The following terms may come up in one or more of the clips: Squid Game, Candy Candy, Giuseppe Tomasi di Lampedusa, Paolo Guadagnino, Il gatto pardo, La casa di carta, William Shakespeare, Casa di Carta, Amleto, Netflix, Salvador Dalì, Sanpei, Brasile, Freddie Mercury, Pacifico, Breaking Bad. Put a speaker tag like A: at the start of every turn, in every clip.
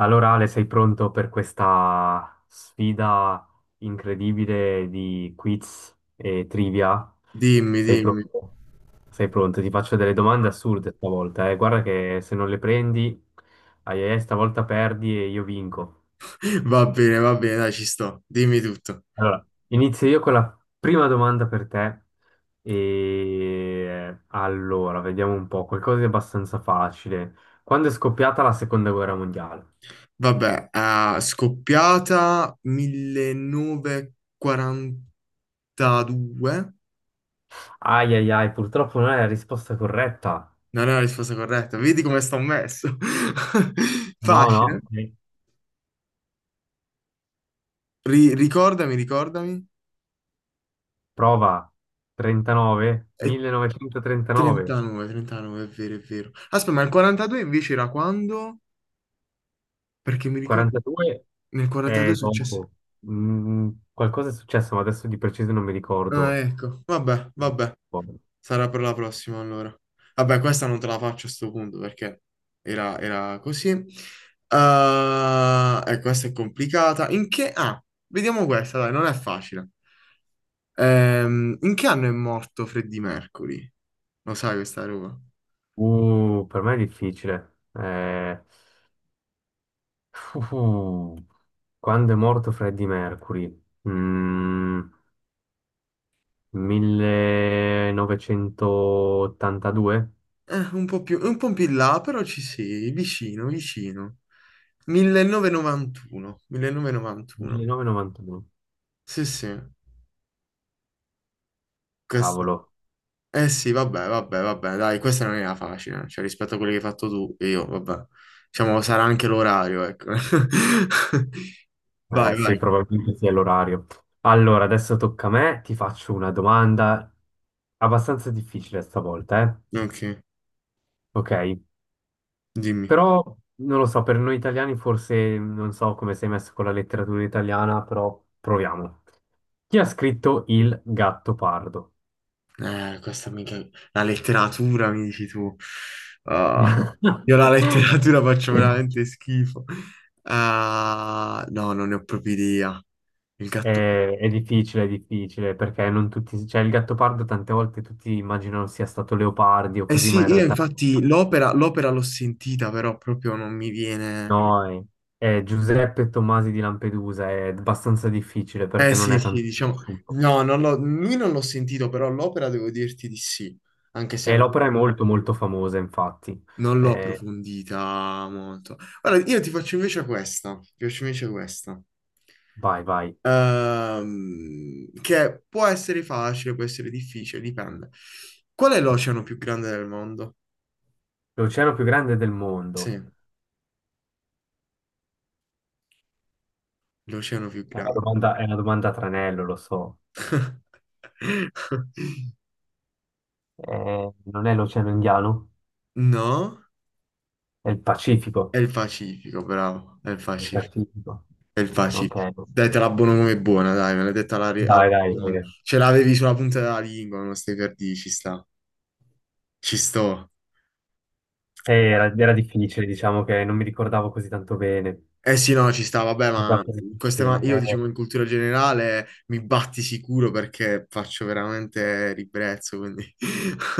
A: Allora Ale, sei pronto per questa sfida incredibile di quiz e trivia?
B: Dimmi,
A: Sei
B: dimmi.
A: pronto? Sei pronto? Ti faccio delle domande assurde stavolta, eh. Guarda che se non le prendi, ai ai ai, stavolta perdi e io vinco.
B: Va bene, dai, ci sto. Dimmi tutto.
A: Allora, inizio io con la prima domanda per te. E allora, vediamo un po', qualcosa di abbastanza facile. Quando è scoppiata la seconda guerra mondiale?
B: Vabbè, scoppiata 1942.
A: Ai ai ai, purtroppo non è la risposta corretta.
B: Non è la risposta corretta. Vedi come sto messo.
A: No,
B: Facile.
A: no,
B: Ricordami, ricordami.
A: prova 39,
B: È
A: 1939,
B: 39, 39, è vero, è vero. Aspetta, ma il 42 invece era quando? Perché mi ricordo
A: 42
B: nel 42 è
A: è
B: successo.
A: dopo. Qualcosa è successo, ma adesso di preciso non mi
B: Ah,
A: ricordo.
B: ecco. Vabbè, vabbè. Sarà per la prossima allora. Vabbè, questa non te la faccio a sto punto perché era così. E questa è complicata. In che... Ah, vediamo questa, dai, non è facile. In che anno è morto Freddie Mercury? Lo sai questa roba?
A: Per me è difficile. Uh, quando è morto Freddie Mercury? 1982?
B: Un po' più in là, però ci sei, vicino, vicino. 1991, 1991.
A: 1992?
B: Sì, sì, questa.
A: Cavolo.
B: Eh sì, vabbè, vabbè, vabbè, dai, questa non era facile, cioè rispetto a quelli che hai fatto tu e io, vabbè. Diciamo, sarà anche l'orario, ecco. Vai,
A: Sì,
B: vai.
A: probabilmente sì, è l'orario. Allora, adesso tocca a me, ti faccio una domanda abbastanza difficile stavolta, eh?
B: Ok,
A: Ok,
B: dimmi.
A: però non lo so, per noi italiani forse non so come sei messo con la letteratura italiana, però proviamo. Chi ha scritto Il gatto pardo?
B: Questa mica... La letteratura, mi dici tu. Ah, io la letteratura faccio veramente schifo. Ah, no, non ne ho proprio idea. Il gatto...
A: È, è difficile, è difficile, perché non tutti, cioè il gatto pardo tante volte tutti immaginano sia stato Leopardi o
B: Eh
A: così, ma in
B: sì, io
A: realtà
B: infatti l'opera l'ho sentita, però proprio non mi viene...
A: no, Giuseppe Tomasi di Lampedusa è abbastanza difficile
B: Eh
A: perché non
B: sì,
A: è
B: sì,
A: tanto
B: diciamo,
A: conosciuto.
B: no, non l'ho- lui non l'ho sentito, però l'opera devo dirti di sì, anche se
A: E
B: non
A: l'opera è molto molto famosa, infatti.
B: l'ho
A: Eh,
B: approfondita molto. Allora, io ti faccio invece questa,
A: vai, vai.
B: Che può essere facile, può essere difficile, dipende. Qual è l'oceano più grande del mondo?
A: L'oceano più grande del
B: Sì,
A: mondo.
B: l'oceano più grande.
A: È una domanda a tranello, lo so. Non è l'oceano Indiano?
B: No?
A: È il
B: È
A: Pacifico.
B: il Pacifico, bravo, è il
A: Il
B: Pacifico.
A: Pacifico.
B: È il Pacifico.
A: Ok.
B: Dai, te la buono come buona, dai, me l'hai detta alla... alla-
A: Dai, dai. Eh.
B: Ce l'avevi sulla punta della lingua, non stai per dire, ci sta. Ci sto.
A: Era difficile, diciamo che non mi ricordavo così tanto bene.
B: Eh sì, no, ci sta, vabbè,
A: Non
B: ma
A: ricordavo così tanto
B: queste
A: bene.
B: io diciamo in cultura generale mi batti sicuro perché faccio veramente ribrezzo, quindi...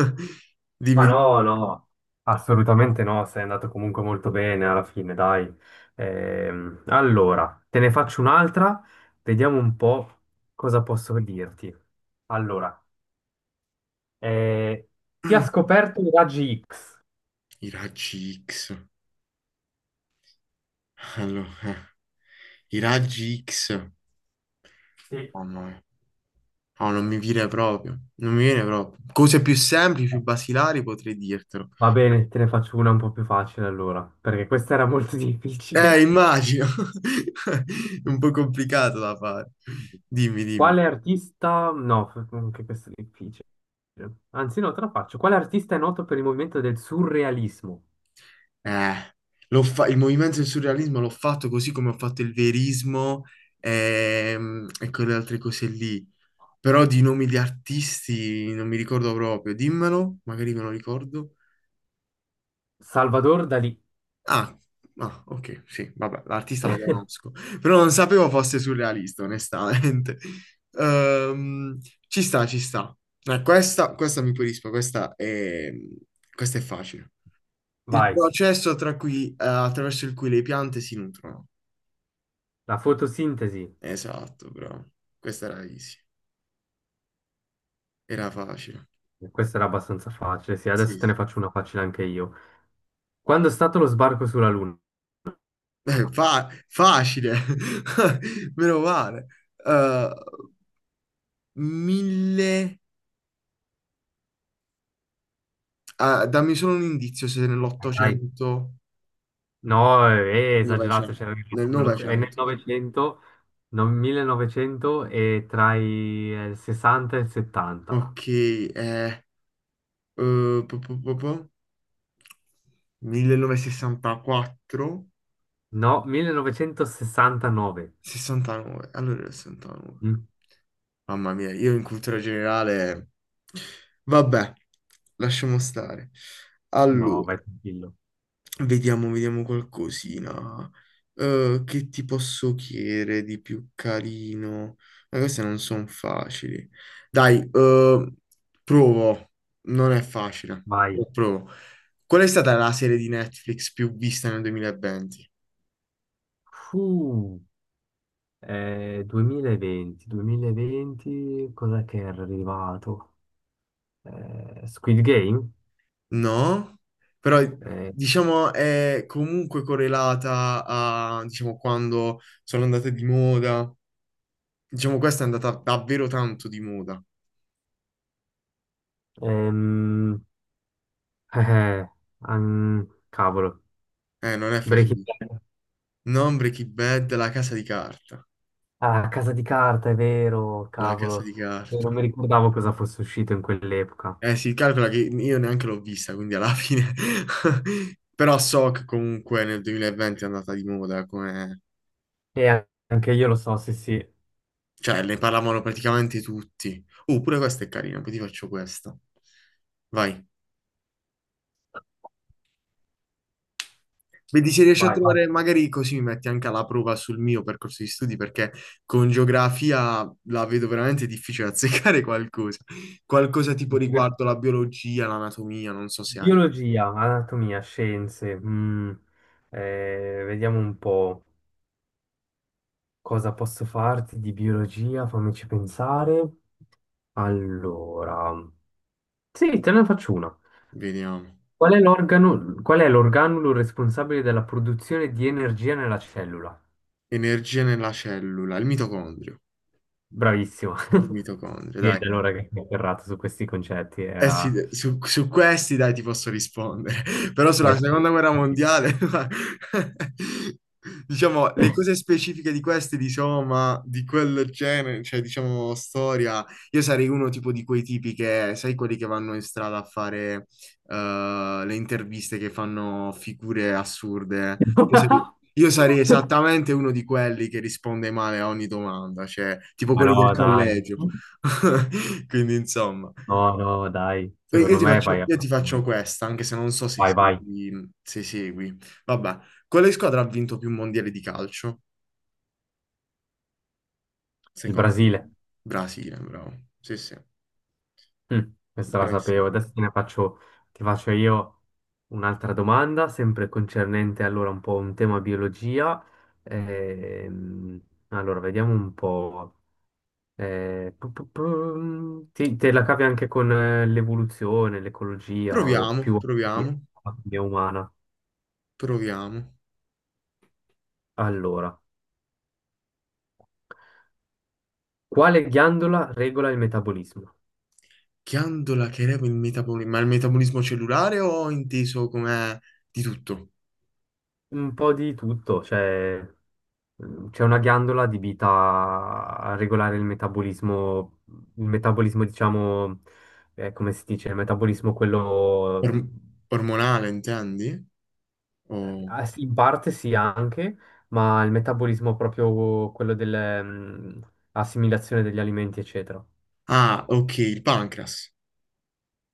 B: Dimmi.
A: Ma no, no, assolutamente no, sei andato comunque molto bene alla fine, dai. Allora, te ne faccio un'altra, vediamo un po' cosa posso dirti. Allora, eh, chi ha scoperto i raggi X?
B: I raggi X. Allora, i raggi X.
A: Sì.
B: Mamma mia. No, non mi viene proprio, non mi viene proprio. Cose più semplici, più basilari potrei dirtelo.
A: Va bene, te ne faccio una un po' più facile allora, perché questa era molto difficile.
B: Immagino. È un po' complicato da fare. Dimmi, dimmi.
A: Quale artista? No, anche questo è difficile. Anzi, no, te la faccio. Quale artista è noto per il movimento del surrealismo?
B: Eh, il movimento del surrealismo l'ho fatto così come ho fatto il verismo e quelle altre cose lì. Però di nomi di artisti non mi ricordo proprio. Dimmelo, magari me lo ricordo.
A: Salvador Dalì.
B: Ah, ah, ok, sì, vabbè, l'artista lo conosco, però non sapevo fosse surrealista, onestamente. Ehm, ci sta, ci sta. Questa, questa mi pulisco, questa è facile. Il
A: Vai,
B: processo attraverso il cui le piante si nutrono.
A: la fotosintesi.
B: Esatto, bravo. Questa era easy, era facile.
A: Questa era abbastanza facile, sì,
B: Sì,
A: adesso te ne
B: sì.
A: faccio una facile anche io. Quando è stato lo sbarco sulla Luna?
B: Facile, meno male. Eh, mille... Ah, dammi solo un indizio se
A: Dai, dai.
B: nell'Ottocento,
A: No, è
B: nel
A: esagerato,
B: Novecento.
A: c'era il
B: Nel
A: ragazzo dello- è nel
B: Novecento.
A: Novecento, no, 1900 e tra i 60 e il 70.
B: Ok, eh, po- po- po- po- 1964,
A: No, 1969.
B: 69. Allora era 69.
A: Mm?
B: Mamma mia, io in cultura generale... Vabbè, lasciamo stare.
A: No,
B: Allora,
A: vai tranquillo.
B: vediamo qualcosina. Che ti posso chiedere di più carino? Ma queste non sono facili. Dai, provo. Non è facile.
A: Vai.
B: Lo provo. Qual è stata la serie di Netflix più vista nel 2020?
A: Fu, 2020, cos'è che era arrivato? Squid Game?
B: No, però
A: Eh,
B: diciamo è comunque correlata a, diciamo, quando sono andate di moda. Diciamo, questa è andata davvero tanto di moda.
A: ehm, eh, eh, cavolo,
B: Non è
A: Breaking
B: facile.
A: Bad.
B: Non Breaking Bad, La casa di carta.
A: Ah, Casa di Carta, è vero,
B: La casa di
A: cavolo. Non
B: carta.
A: mi ricordavo cosa fosse uscito in quell'epoca.
B: Si calcola che io neanche l'ho vista, quindi alla fine... Però so che comunque nel 2020 è andata di moda, come...
A: Anche io lo so, sì, sì.
B: Cioè, ne parlavano praticamente tutti. Pure questa è carina, poi ti faccio questa. Vai. Vedi se riesci a
A: Vai. Vai.
B: trovare, magari così mi metti anche alla prova sul mio percorso di studi, perché con geografia la vedo veramente difficile azzeccare qualcosa. Qualcosa tipo
A: Bi-
B: riguardo la biologia, l'anatomia, non so se hai.
A: Biologia, anatomia, scienze. Vediamo un po' cosa posso farti di biologia, fammici pensare. Allora, sì, te ne faccio una.
B: Vediamo.
A: Qual è l'organulo responsabile della produzione di energia nella cellura?
B: Energia nella cellula, il mitocondrio.
A: Bravissimo.
B: Il mitocondrio,
A: Sì,
B: dai.
A: da allora che mi ho ferrato su questi concetti
B: Eh sì,
A: era...
B: su questi dai ti posso rispondere, però sulla
A: Eh sì.
B: seconda guerra mondiale, diciamo, le cose specifiche di questi, diciamo, ma di quel genere, cioè diciamo storia, io sarei uno tipo di quei tipi che, sai, quelli che vanno in strada a fare le interviste che fanno figure assurde. Io sarei, io sarei esattamente uno di quelli che risponde male a ogni domanda, cioè tipo
A: Ma
B: quelli del
A: no, dai.
B: collegio. Quindi insomma.
A: No, no, dai.
B: Io io
A: Secondo
B: ti
A: me vai
B: faccio,
A: a...
B: io ti faccio questa, anche se non so se
A: Vai, vai.
B: segui, se segui. Vabbè, quale squadra ha vinto più mondiali di calcio,
A: Il
B: secondo te?
A: Brasile.
B: Brasile, bravo. Sì, sì,
A: Mm, questa la sapevo.
B: Brasile.
A: Adesso te ne faccio, ti faccio io un'altra domanda, sempre concernente allora un po' un tema biologia. Ehm, allora, vediamo un po'. Te la cavi anche con l'evoluzione, l'ecologia o più
B: Proviamo, proviamo,
A: la biologia umana.
B: proviamo.
A: Allora, quale ghiandola regola il metabolismo?
B: Ghiandola che regola il metabolismo, ma il metabolismo cellulare o inteso come di tutto?
A: Un po' di tutto, cioè c'è una ghiandola adibita a regolare il metabolismo diciamo, come si dice, il metabolismo quello,
B: Or- ormonale, intendi? O-
A: sì, in parte sì anche, ma il metabolismo proprio quello dell'assimilazione degli alimenti, eccetera.
B: Ah, ok, il pancreas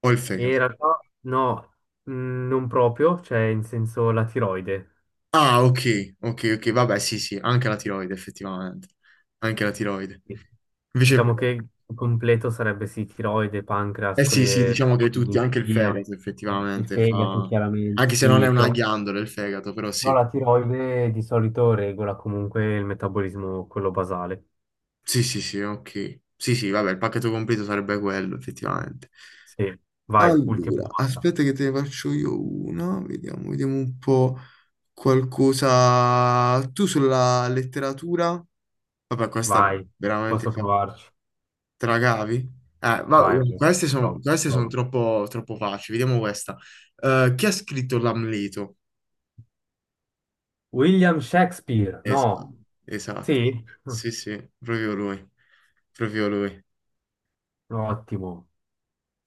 B: o il
A: E in
B: fegato.
A: realtà no, non proprio, cioè in senso la tiroide.
B: Ah, ok, ok, ok, vabbè, sì, sì, anche la tiroide, effettivamente. Anche la tiroide.
A: Sì.
B: Invece,
A: Diciamo che il completo sarebbe sì, tiroide, pancreas,
B: eh sì, sì, diciamo che tutti, anche il
A: l'insulina,
B: fegato,
A: il
B: effettivamente,
A: fegato
B: fa...
A: chiaramente,
B: Anche se non è
A: sì,
B: una
A: però,
B: ghiandola il fegato, però
A: però
B: sì.
A: la tiroide di solito regola comunque il metabolismo, quello basale.
B: Sì, sì, sì, ok. Sì, sì, vabbè, il pacchetto completo sarebbe quello, effettivamente.
A: Sì, vai, ultima
B: Allora,
A: domanda,
B: aspetta che te ne faccio io una, vediamo un po' qualcosa. Tu sulla letteratura? Vabbè, questa
A: vai,
B: veramente...
A: posso provarci,
B: Te la cavi? Eh, va-
A: vai, vai,
B: queste sono
A: provo,
B: queste son
A: provo.
B: troppo, troppo facili. Vediamo questa. Chi ha scritto l'Amleto?
A: William Shakespeare,
B: Esatto,
A: no,
B: esatto.
A: sì,
B: Sì, sì, proprio lui. Proprio lui.
A: ottimo.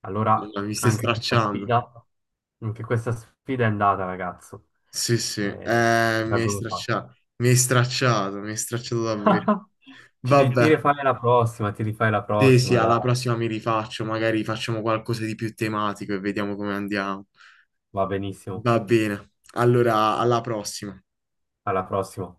A: Allora,
B: Madonna, mi stai
A: anche questa
B: stracciando.
A: sfida, anche questa sfida è andata, ragazzo.
B: Sì, sì.
A: Eh,
B: Mi hai
A: l'abbiamo fatta.
B: stracciato. Mi hai stracciato, mi hai stracciato davvero.
A: Ti
B: Vabbè.
A: rifai la prossima, ti rifai la
B: Sì, sì,
A: prossima,
B: alla
A: dai.
B: prossima mi rifaccio. Magari facciamo qualcosa di più tematico e vediamo come andiamo.
A: Va benissimo.
B: Va bene. Allora, alla prossima.
A: Alla prossima.